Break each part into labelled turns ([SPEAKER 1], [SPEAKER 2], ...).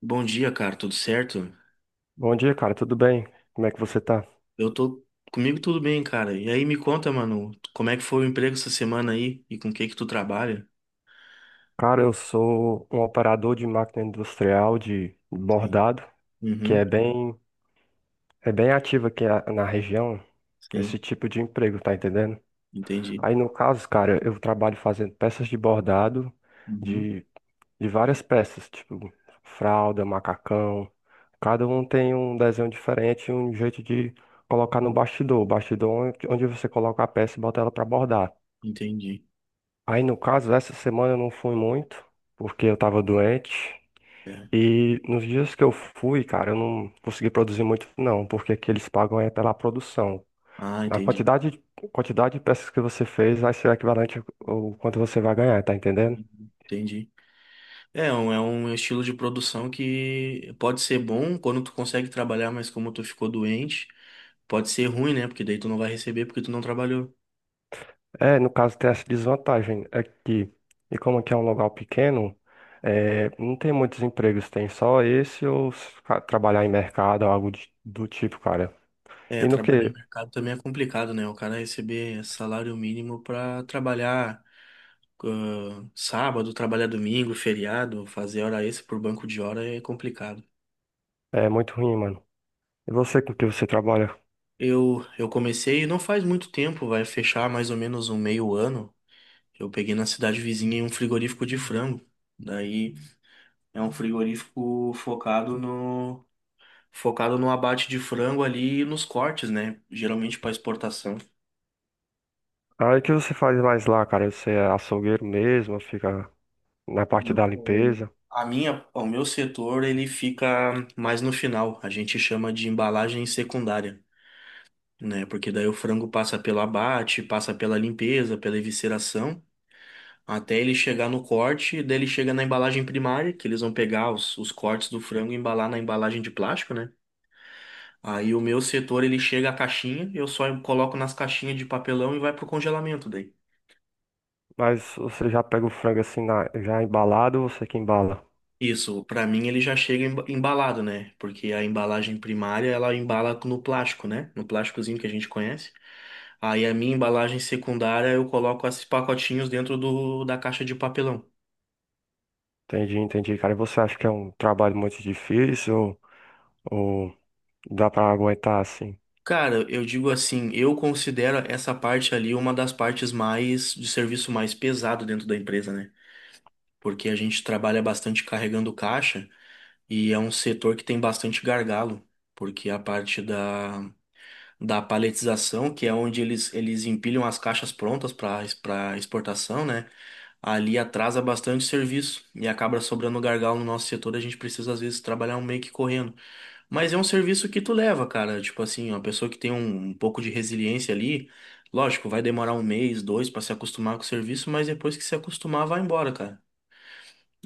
[SPEAKER 1] Bom dia, cara, tudo certo?
[SPEAKER 2] Bom dia, cara, tudo bem? Como é que você tá?
[SPEAKER 1] Eu tô Comigo tudo bem, cara. E aí me conta, mano, como é que foi o emprego essa semana aí e com o que que tu trabalha?
[SPEAKER 2] Cara, eu sou um operador de máquina industrial de
[SPEAKER 1] Sim.
[SPEAKER 2] bordado, que
[SPEAKER 1] Uhum,
[SPEAKER 2] é bem ativo aqui na região,
[SPEAKER 1] sim,
[SPEAKER 2] esse tipo de emprego, tá entendendo?
[SPEAKER 1] entendi.
[SPEAKER 2] Aí no caso, cara, eu trabalho fazendo peças de bordado
[SPEAKER 1] Uhum,
[SPEAKER 2] de, de várias peças, tipo fralda, macacão. Cada um tem um desenho diferente, um jeito de colocar no bastidor. O bastidor é onde você coloca a peça e bota ela pra bordar.
[SPEAKER 1] entendi.
[SPEAKER 2] Aí, no caso, essa semana eu não fui muito, porque eu tava doente.
[SPEAKER 1] É.
[SPEAKER 2] E nos dias que eu fui, cara, eu não consegui produzir muito, não, porque aqui eles pagam é pela produção.
[SPEAKER 1] Ah,
[SPEAKER 2] Na
[SPEAKER 1] entendi.
[SPEAKER 2] quantidade de peças que você fez, vai ser equivalente ao quanto você vai ganhar, tá entendendo?
[SPEAKER 1] Uhum, entendi. É um estilo de produção que pode ser bom quando tu consegue trabalhar, mas como tu ficou doente, pode ser ruim, né? Porque daí tu não vai receber porque tu não trabalhou.
[SPEAKER 2] É, no caso, tem essa desvantagem aqui. E como aqui é um local pequeno, é, não tem muitos empregos, tem só esse ou se ca- trabalhar em mercado, do tipo, cara.
[SPEAKER 1] É,
[SPEAKER 2] E no
[SPEAKER 1] trabalhar em
[SPEAKER 2] que?
[SPEAKER 1] mercado também é complicado, né? O cara receber salário mínimo pra trabalhar sábado, trabalhar domingo, feriado, fazer hora extra por banco de hora é complicado.
[SPEAKER 2] É muito ruim, mano. E você com o que você trabalha?
[SPEAKER 1] Eu comecei não faz muito tempo, vai fechar mais ou menos um meio ano. Eu peguei na cidade vizinha um frigorífico de frango. Daí é um frigorífico focado no abate de frango ali e nos cortes, né? Geralmente para exportação.
[SPEAKER 2] Aí o que você faz mais lá, cara? Você é açougueiro mesmo, fica na parte
[SPEAKER 1] Não.
[SPEAKER 2] da
[SPEAKER 1] O-
[SPEAKER 2] limpeza.
[SPEAKER 1] A minha, o meu setor ele fica mais no final. A gente chama de embalagem secundária, né? Porque daí o frango passa pelo abate, passa pela limpeza, pela evisceração, até ele chegar no corte, daí ele chega na embalagem primária, que eles vão pegar os cortes do frango e embalar na embalagem de plástico, né? Aí o meu setor ele chega à caixinha, eu só coloco nas caixinhas de papelão e vai pro congelamento daí.
[SPEAKER 2] Mas você já pega o frango assim, já embalado, ou você que embala?
[SPEAKER 1] Isso, pra mim ele já chega embalado, né? Porque a embalagem primária ela embala no plástico, né? No plásticozinho que a gente conhece. Aí a minha embalagem secundária eu coloco esses pacotinhos dentro da caixa de papelão.
[SPEAKER 2] Entendi, entendi, cara. E você acha que é um trabalho muito difícil ou dá pra aguentar assim?
[SPEAKER 1] Cara, eu digo assim, eu considero essa parte ali uma das partes mais de serviço mais pesado dentro da empresa, né? Porque a gente trabalha bastante carregando caixa e é um setor que tem bastante gargalo, porque a parte da paletização, que é onde eles empilham as caixas prontas para exportação, né? Ali atrasa bastante serviço e acaba sobrando gargalo no nosso setor, a gente precisa às vezes trabalhar meio que correndo. Mas é um serviço que tu leva, cara. Tipo assim, uma pessoa que tem um pouco de resiliência ali, lógico, vai demorar um mês, dois pra se acostumar com o serviço, mas depois que se acostumar, vai embora, cara.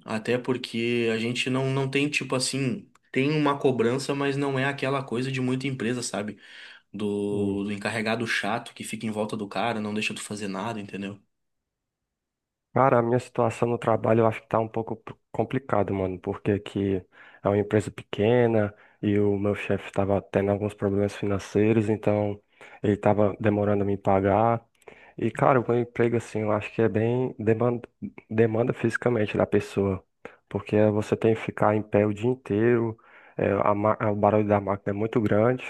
[SPEAKER 1] Até porque a gente não tem, tipo assim, tem uma cobrança, mas não é aquela coisa de muita empresa, sabe? Do,
[SPEAKER 2] Hum.
[SPEAKER 1] do encarregado chato que fica em volta do cara, não deixa tu fazer nada, entendeu?
[SPEAKER 2] Cara, a minha situação no trabalho eu acho que tá um pouco complicado, mano, porque aqui é uma empresa pequena e o meu chefe tava tendo alguns problemas financeiros, então ele tava demorando a me pagar. E, cara, o meu emprego, assim, eu acho que é bem demanda fisicamente da pessoa, porque você tem que ficar em pé o dia inteiro, o barulho da máquina é muito grande,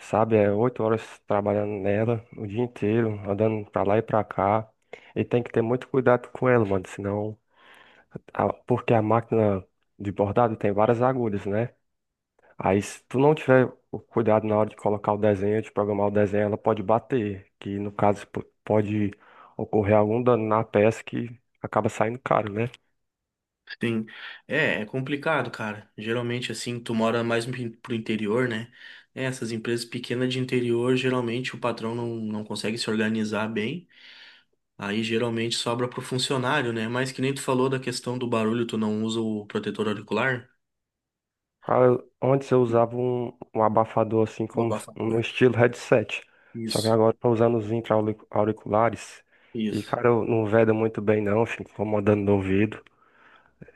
[SPEAKER 2] sabe? É 8 horas trabalhando nela o dia inteiro, andando pra lá e pra cá, e tem que ter muito cuidado com ela, mano, senão, porque a máquina de bordado tem várias agulhas, né? Aí, se tu não tiver o cuidado na hora de colocar o desenho, de programar o desenho, ela pode bater, que no caso pode ocorrer algum dano na peça que acaba saindo caro, né?
[SPEAKER 1] Sim. É complicado, cara. Geralmente, assim, tu mora mais pro interior, né? É, essas empresas pequenas de interior, geralmente o patrão não consegue se organizar bem. Aí geralmente sobra pro funcionário, né? Mas que nem tu falou da questão do barulho, tu não usa o protetor auricular?
[SPEAKER 2] Cara, Antes eu usava um, um abafador assim,
[SPEAKER 1] O
[SPEAKER 2] como no
[SPEAKER 1] abafador.
[SPEAKER 2] estilo headset. Só que
[SPEAKER 1] Isso,
[SPEAKER 2] agora eu tô usando os auriculares e,
[SPEAKER 1] isso.
[SPEAKER 2] cara, eu não veda muito bem não, fico incomodando no ouvido.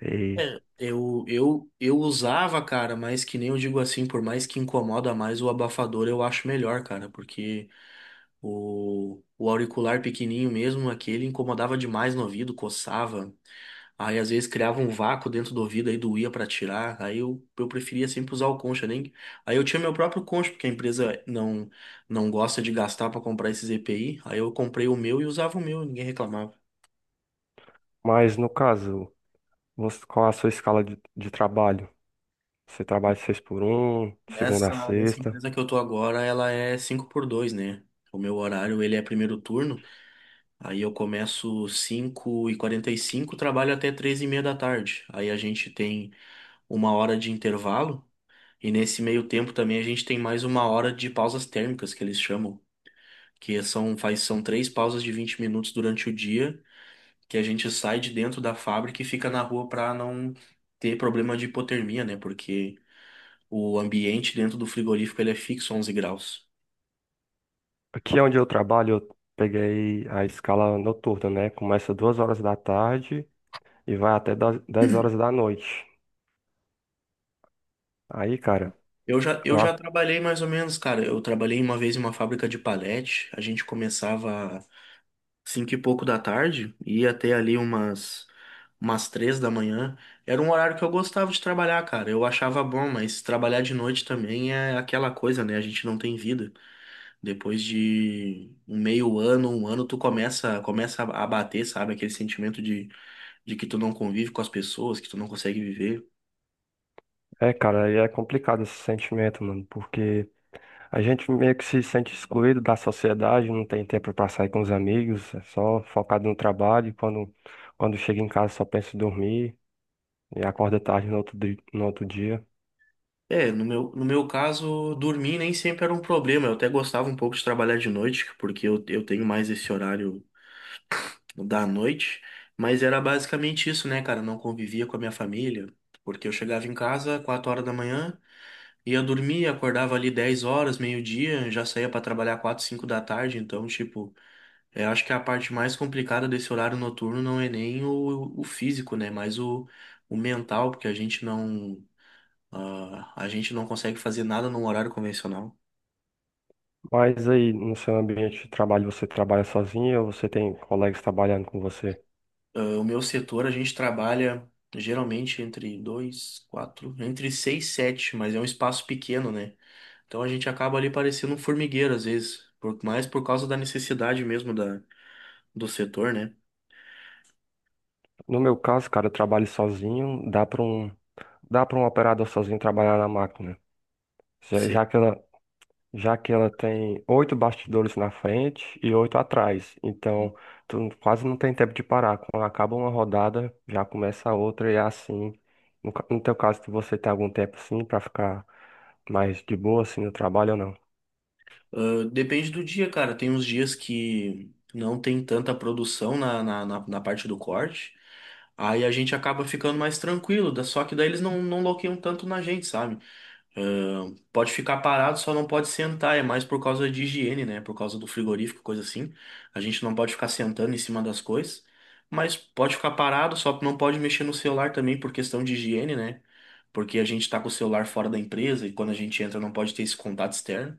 [SPEAKER 2] E...
[SPEAKER 1] É, eu usava, cara, mas que nem eu digo assim, por mais que incomoda mais, o abafador eu acho melhor, cara, porque. O auricular pequenininho mesmo, aquele incomodava demais no ouvido, coçava. Aí às vezes criava um vácuo dentro do ouvido, aí doía pra tirar. Aí eu preferia sempre usar o concha, nem. Aí eu tinha meu próprio concha, porque a empresa não gosta de gastar pra comprar esses EPI. Aí eu comprei o meu e usava o meu, ninguém reclamava.
[SPEAKER 2] Mas no caso, qual é a sua escala de trabalho? Você trabalha seis por um, segunda a
[SPEAKER 1] Nessa
[SPEAKER 2] sexta?
[SPEAKER 1] empresa que eu tô agora, ela é 5 por dois, né? O meu horário, ele é primeiro turno. Aí eu começo 5:45, trabalho até 3 e meia da tarde. Aí a gente tem uma hora de intervalo e nesse meio tempo também a gente tem mais uma hora de pausas térmicas que eles chamam, que são faz são três pausas de 20 minutos durante o dia que a gente sai de dentro da fábrica e fica na rua para não ter problema de hipotermia, né? Porque o ambiente dentro do frigorífico ele é fixo 11 graus.
[SPEAKER 2] Aqui onde eu trabalho, eu peguei a escala noturna, né? Começa 14h e vai até 10 horas da noite. Aí, cara,
[SPEAKER 1] Eu já, eu
[SPEAKER 2] eu a-
[SPEAKER 1] já trabalhei mais ou menos, cara. Eu trabalhei uma vez em uma fábrica de palete. A gente começava cinco e pouco da tarde, ia até ali umas três da manhã. Era um horário que eu gostava de trabalhar, cara. Eu achava bom, mas trabalhar de noite também é aquela coisa, né? A gente não tem vida. Depois de um meio ano, um ano, tu começa a bater, sabe? Aquele sentimento de que tu não convive com as pessoas, que tu não consegue viver.
[SPEAKER 2] é, cara, aí é complicado esse sentimento, mano, porque a gente meio que se sente excluído da sociedade, não tem tempo pra sair com os amigos, é só focado no trabalho. Quando chega em casa, só pensa em dormir e acorda tarde no outro, no outro dia.
[SPEAKER 1] É, no meu caso, dormir nem sempre era um problema. Eu até gostava um pouco de trabalhar de noite, porque eu tenho mais esse horário da noite, mas era basicamente isso, né, cara? Não convivia com a minha família, porque eu chegava em casa 4 horas da manhã, ia dormir, acordava ali 10 horas, meio-dia, já saía pra trabalhar quatro cinco da tarde, então, tipo, eu acho que a parte mais complicada desse horário noturno não é nem o físico, né, mas o mental, porque a gente não consegue fazer nada num horário convencional.
[SPEAKER 2] Mas aí, no seu ambiente de trabalho, você trabalha sozinho ou você tem colegas trabalhando com você?
[SPEAKER 1] Ah, o meu setor, a gente trabalha geralmente entre dois, quatro, entre seis, sete, mas é um espaço pequeno, né? Então a gente acaba ali parecendo um formigueiro às vezes, mais por causa da necessidade mesmo do setor, né?
[SPEAKER 2] No meu caso, cara, eu trabalho sozinho, dá para um operador sozinho trabalhar na máquina. Já,
[SPEAKER 1] Sim.
[SPEAKER 2] já que ela, já que ela tem oito bastidores na frente e oito atrás, então quase não tem tempo de parar. Quando acaba uma rodada, já começa a outra e é assim. No teu caso, você tem algum tempo assim para ficar mais de boa assim no trabalho ou não?
[SPEAKER 1] Ah, depende do dia, cara. Tem uns dias que não tem tanta produção na parte do corte, aí a gente acaba ficando mais tranquilo, só que daí eles não loqueiam tanto na gente, sabe? Pode ficar parado, só não pode sentar. É mais por causa de higiene, né? Por causa do frigorífico, coisa assim. A gente não pode ficar sentando em cima das coisas. Mas pode ficar parado, só não pode mexer no celular também por questão de higiene, né? Porque a gente tá com o celular fora da empresa e quando a gente entra não pode ter esse contato externo.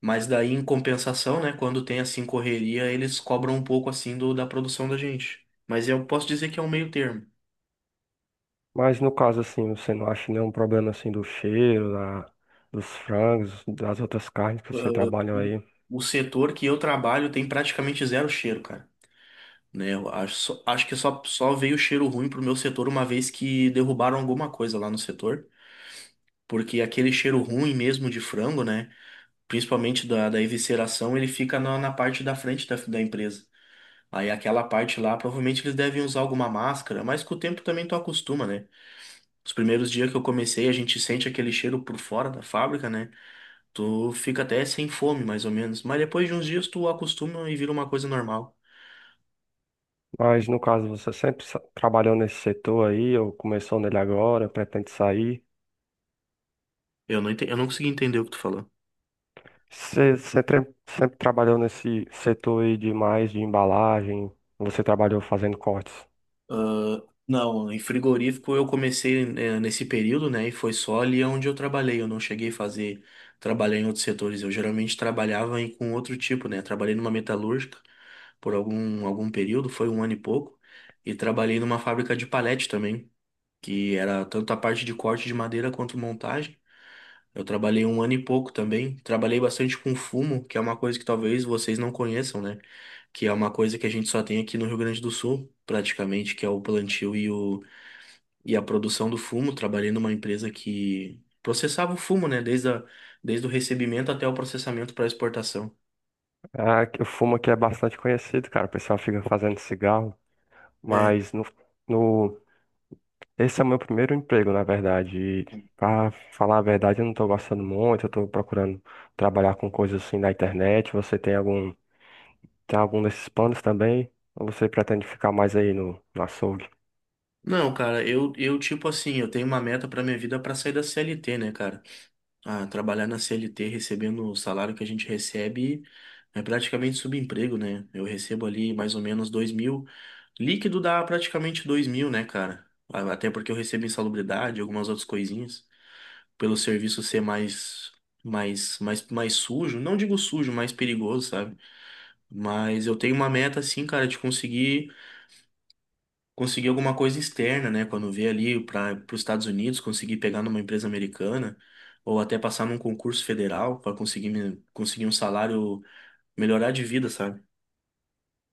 [SPEAKER 1] Mas daí, em compensação, né? Quando tem assim correria, eles cobram um pouco assim da produção da gente. Mas eu posso dizer que é um meio termo.
[SPEAKER 2] Mas no caso assim, você não acha nenhum problema assim do cheiro, da, dos frangos, das outras carnes que você trabalha
[SPEAKER 1] O,
[SPEAKER 2] aí?
[SPEAKER 1] o setor que eu trabalho tem praticamente zero cheiro, cara. Né? Eu acho, acho que só veio cheiro ruim pro meu setor uma vez que derrubaram alguma coisa lá no setor, porque aquele cheiro ruim mesmo de frango, né? Principalmente da evisceração, ele fica na parte da frente da empresa. Aí aquela parte lá, provavelmente eles devem usar alguma máscara, mas com o tempo também tu acostuma, né? Os primeiros dias que eu comecei, a gente sente aquele cheiro por fora da fábrica, né? Tu fica até sem fome, mais ou menos. Mas depois de uns dias tu acostuma e vira uma coisa normal.
[SPEAKER 2] Mas no caso, você trabalhou nesse setor aí, ou começou nele agora, pretende sair?
[SPEAKER 1] Eu não consegui entender o que tu falou.
[SPEAKER 2] Você sempre, sempre trabalhou nesse setor aí de mais de embalagem, você trabalhou fazendo cortes.
[SPEAKER 1] Não, em frigorífico eu comecei nesse período, né? E foi só ali onde eu trabalhei. Eu não cheguei a trabalhar em outros setores. Eu geralmente trabalhava com outro tipo, né? Trabalhei numa metalúrgica por algum período, foi um ano e pouco. E trabalhei numa fábrica de palete também, que era tanto a parte de corte de madeira quanto montagem. Eu trabalhei um ano e pouco também. Trabalhei bastante com fumo, que é uma coisa que talvez vocês não conheçam, né? Que é uma coisa que a gente só tem aqui no Rio Grande do Sul, praticamente, que é o plantio e a produção do fumo. Trabalhei numa empresa que processava o fumo, né? Desde o recebimento até o processamento para exportação.
[SPEAKER 2] Ah, que o fumo aqui é bastante conhecido, cara, o pessoal fica fazendo cigarro,
[SPEAKER 1] É.
[SPEAKER 2] mas no, no, esse é o meu primeiro emprego, na verdade, e pra falar a verdade, eu não tô gostando muito, eu tô procurando trabalhar com coisas assim na internet, você tem algum Tem algum desses planos também? Ou você pretende ficar mais aí no açougue?
[SPEAKER 1] Não, cara, eu tipo assim, eu tenho uma meta pra minha vida pra sair da CLT, né, cara? Ah, trabalhar na CLT recebendo o salário que a gente recebe é praticamente subemprego, né? Eu recebo ali mais ou menos 2.000. Líquido dá praticamente 2.000, né, cara? Ah, até porque eu recebo insalubridade, algumas outras coisinhas. Pelo serviço ser mais sujo. Não digo sujo, mais perigoso, sabe? Mas eu tenho uma meta, assim, cara, de conseguir alguma coisa externa, né? Quando vier ali para os Estados Unidos, conseguir pegar numa empresa americana. Ou até passar num concurso federal para conseguir um salário, melhorar de vida, sabe?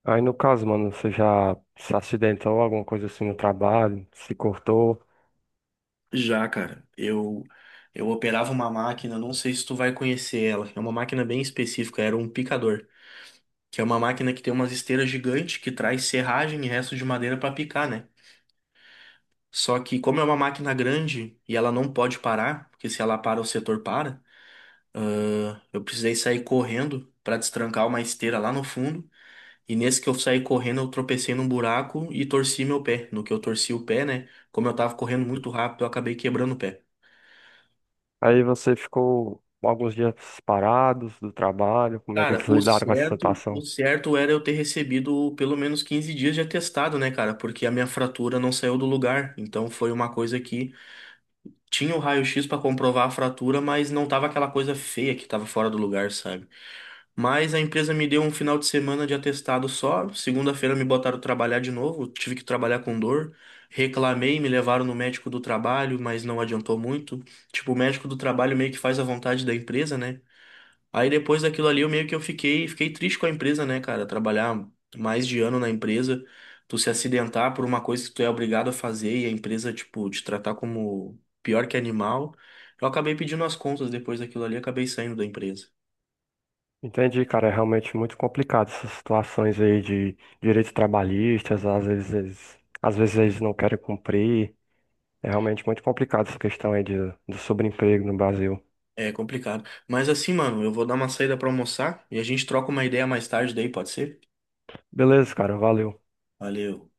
[SPEAKER 2] Aí no caso, mano, você já se acidentou, alguma coisa assim no trabalho, se cortou.
[SPEAKER 1] Já, cara, eu operava uma máquina, não sei se tu vai conhecer ela. É uma máquina bem específica, era um picador, que é uma máquina que tem umas esteiras gigantes que traz serragem e resto de madeira para picar, né? Só que como é uma máquina grande e ela não pode parar, porque se ela para o setor para, eu precisei sair correndo para destrancar uma esteira lá no fundo. E nesse que eu saí correndo, eu tropecei num buraco e torci meu pé. No que eu torci o pé, né? Como eu tava correndo muito rápido, eu acabei quebrando o pé.
[SPEAKER 2] Aí você ficou alguns dias parados do trabalho. Como é que
[SPEAKER 1] Cara,
[SPEAKER 2] eles
[SPEAKER 1] o
[SPEAKER 2] lidaram com essa
[SPEAKER 1] certo, o
[SPEAKER 2] situação?
[SPEAKER 1] certo era eu ter recebido pelo menos 15 dias de atestado, né, cara? Porque a minha fratura não saiu do lugar. Então foi uma coisa que tinha o raio-x para comprovar a fratura, mas não tava aquela coisa feia que tava fora do lugar, sabe? Mas a empresa me deu um final de semana de atestado só. Segunda-feira me botaram trabalhar de novo, tive que trabalhar com dor. Reclamei, me levaram no médico do trabalho, mas não adiantou muito. Tipo, o médico do trabalho meio que faz a vontade da empresa, né? Aí depois daquilo ali, eu meio que eu fiquei triste com a empresa, né, cara? Trabalhar mais de ano na empresa, tu se acidentar por uma coisa que tu é obrigado a fazer e a empresa, tipo, te tratar como pior que animal. Eu acabei pedindo as contas depois daquilo ali, acabei saindo da empresa.
[SPEAKER 2] Entendi, cara, é realmente muito complicado essas situações aí de direitos trabalhistas, às vezes, às vezes eles não querem cumprir. É realmente muito complicado essa questão aí de, do sobreemprego no Brasil.
[SPEAKER 1] É complicado. Mas assim, mano, eu vou dar uma saída pra almoçar e a gente troca uma ideia mais tarde daí, pode ser?
[SPEAKER 2] Beleza, cara, valeu.
[SPEAKER 1] Valeu.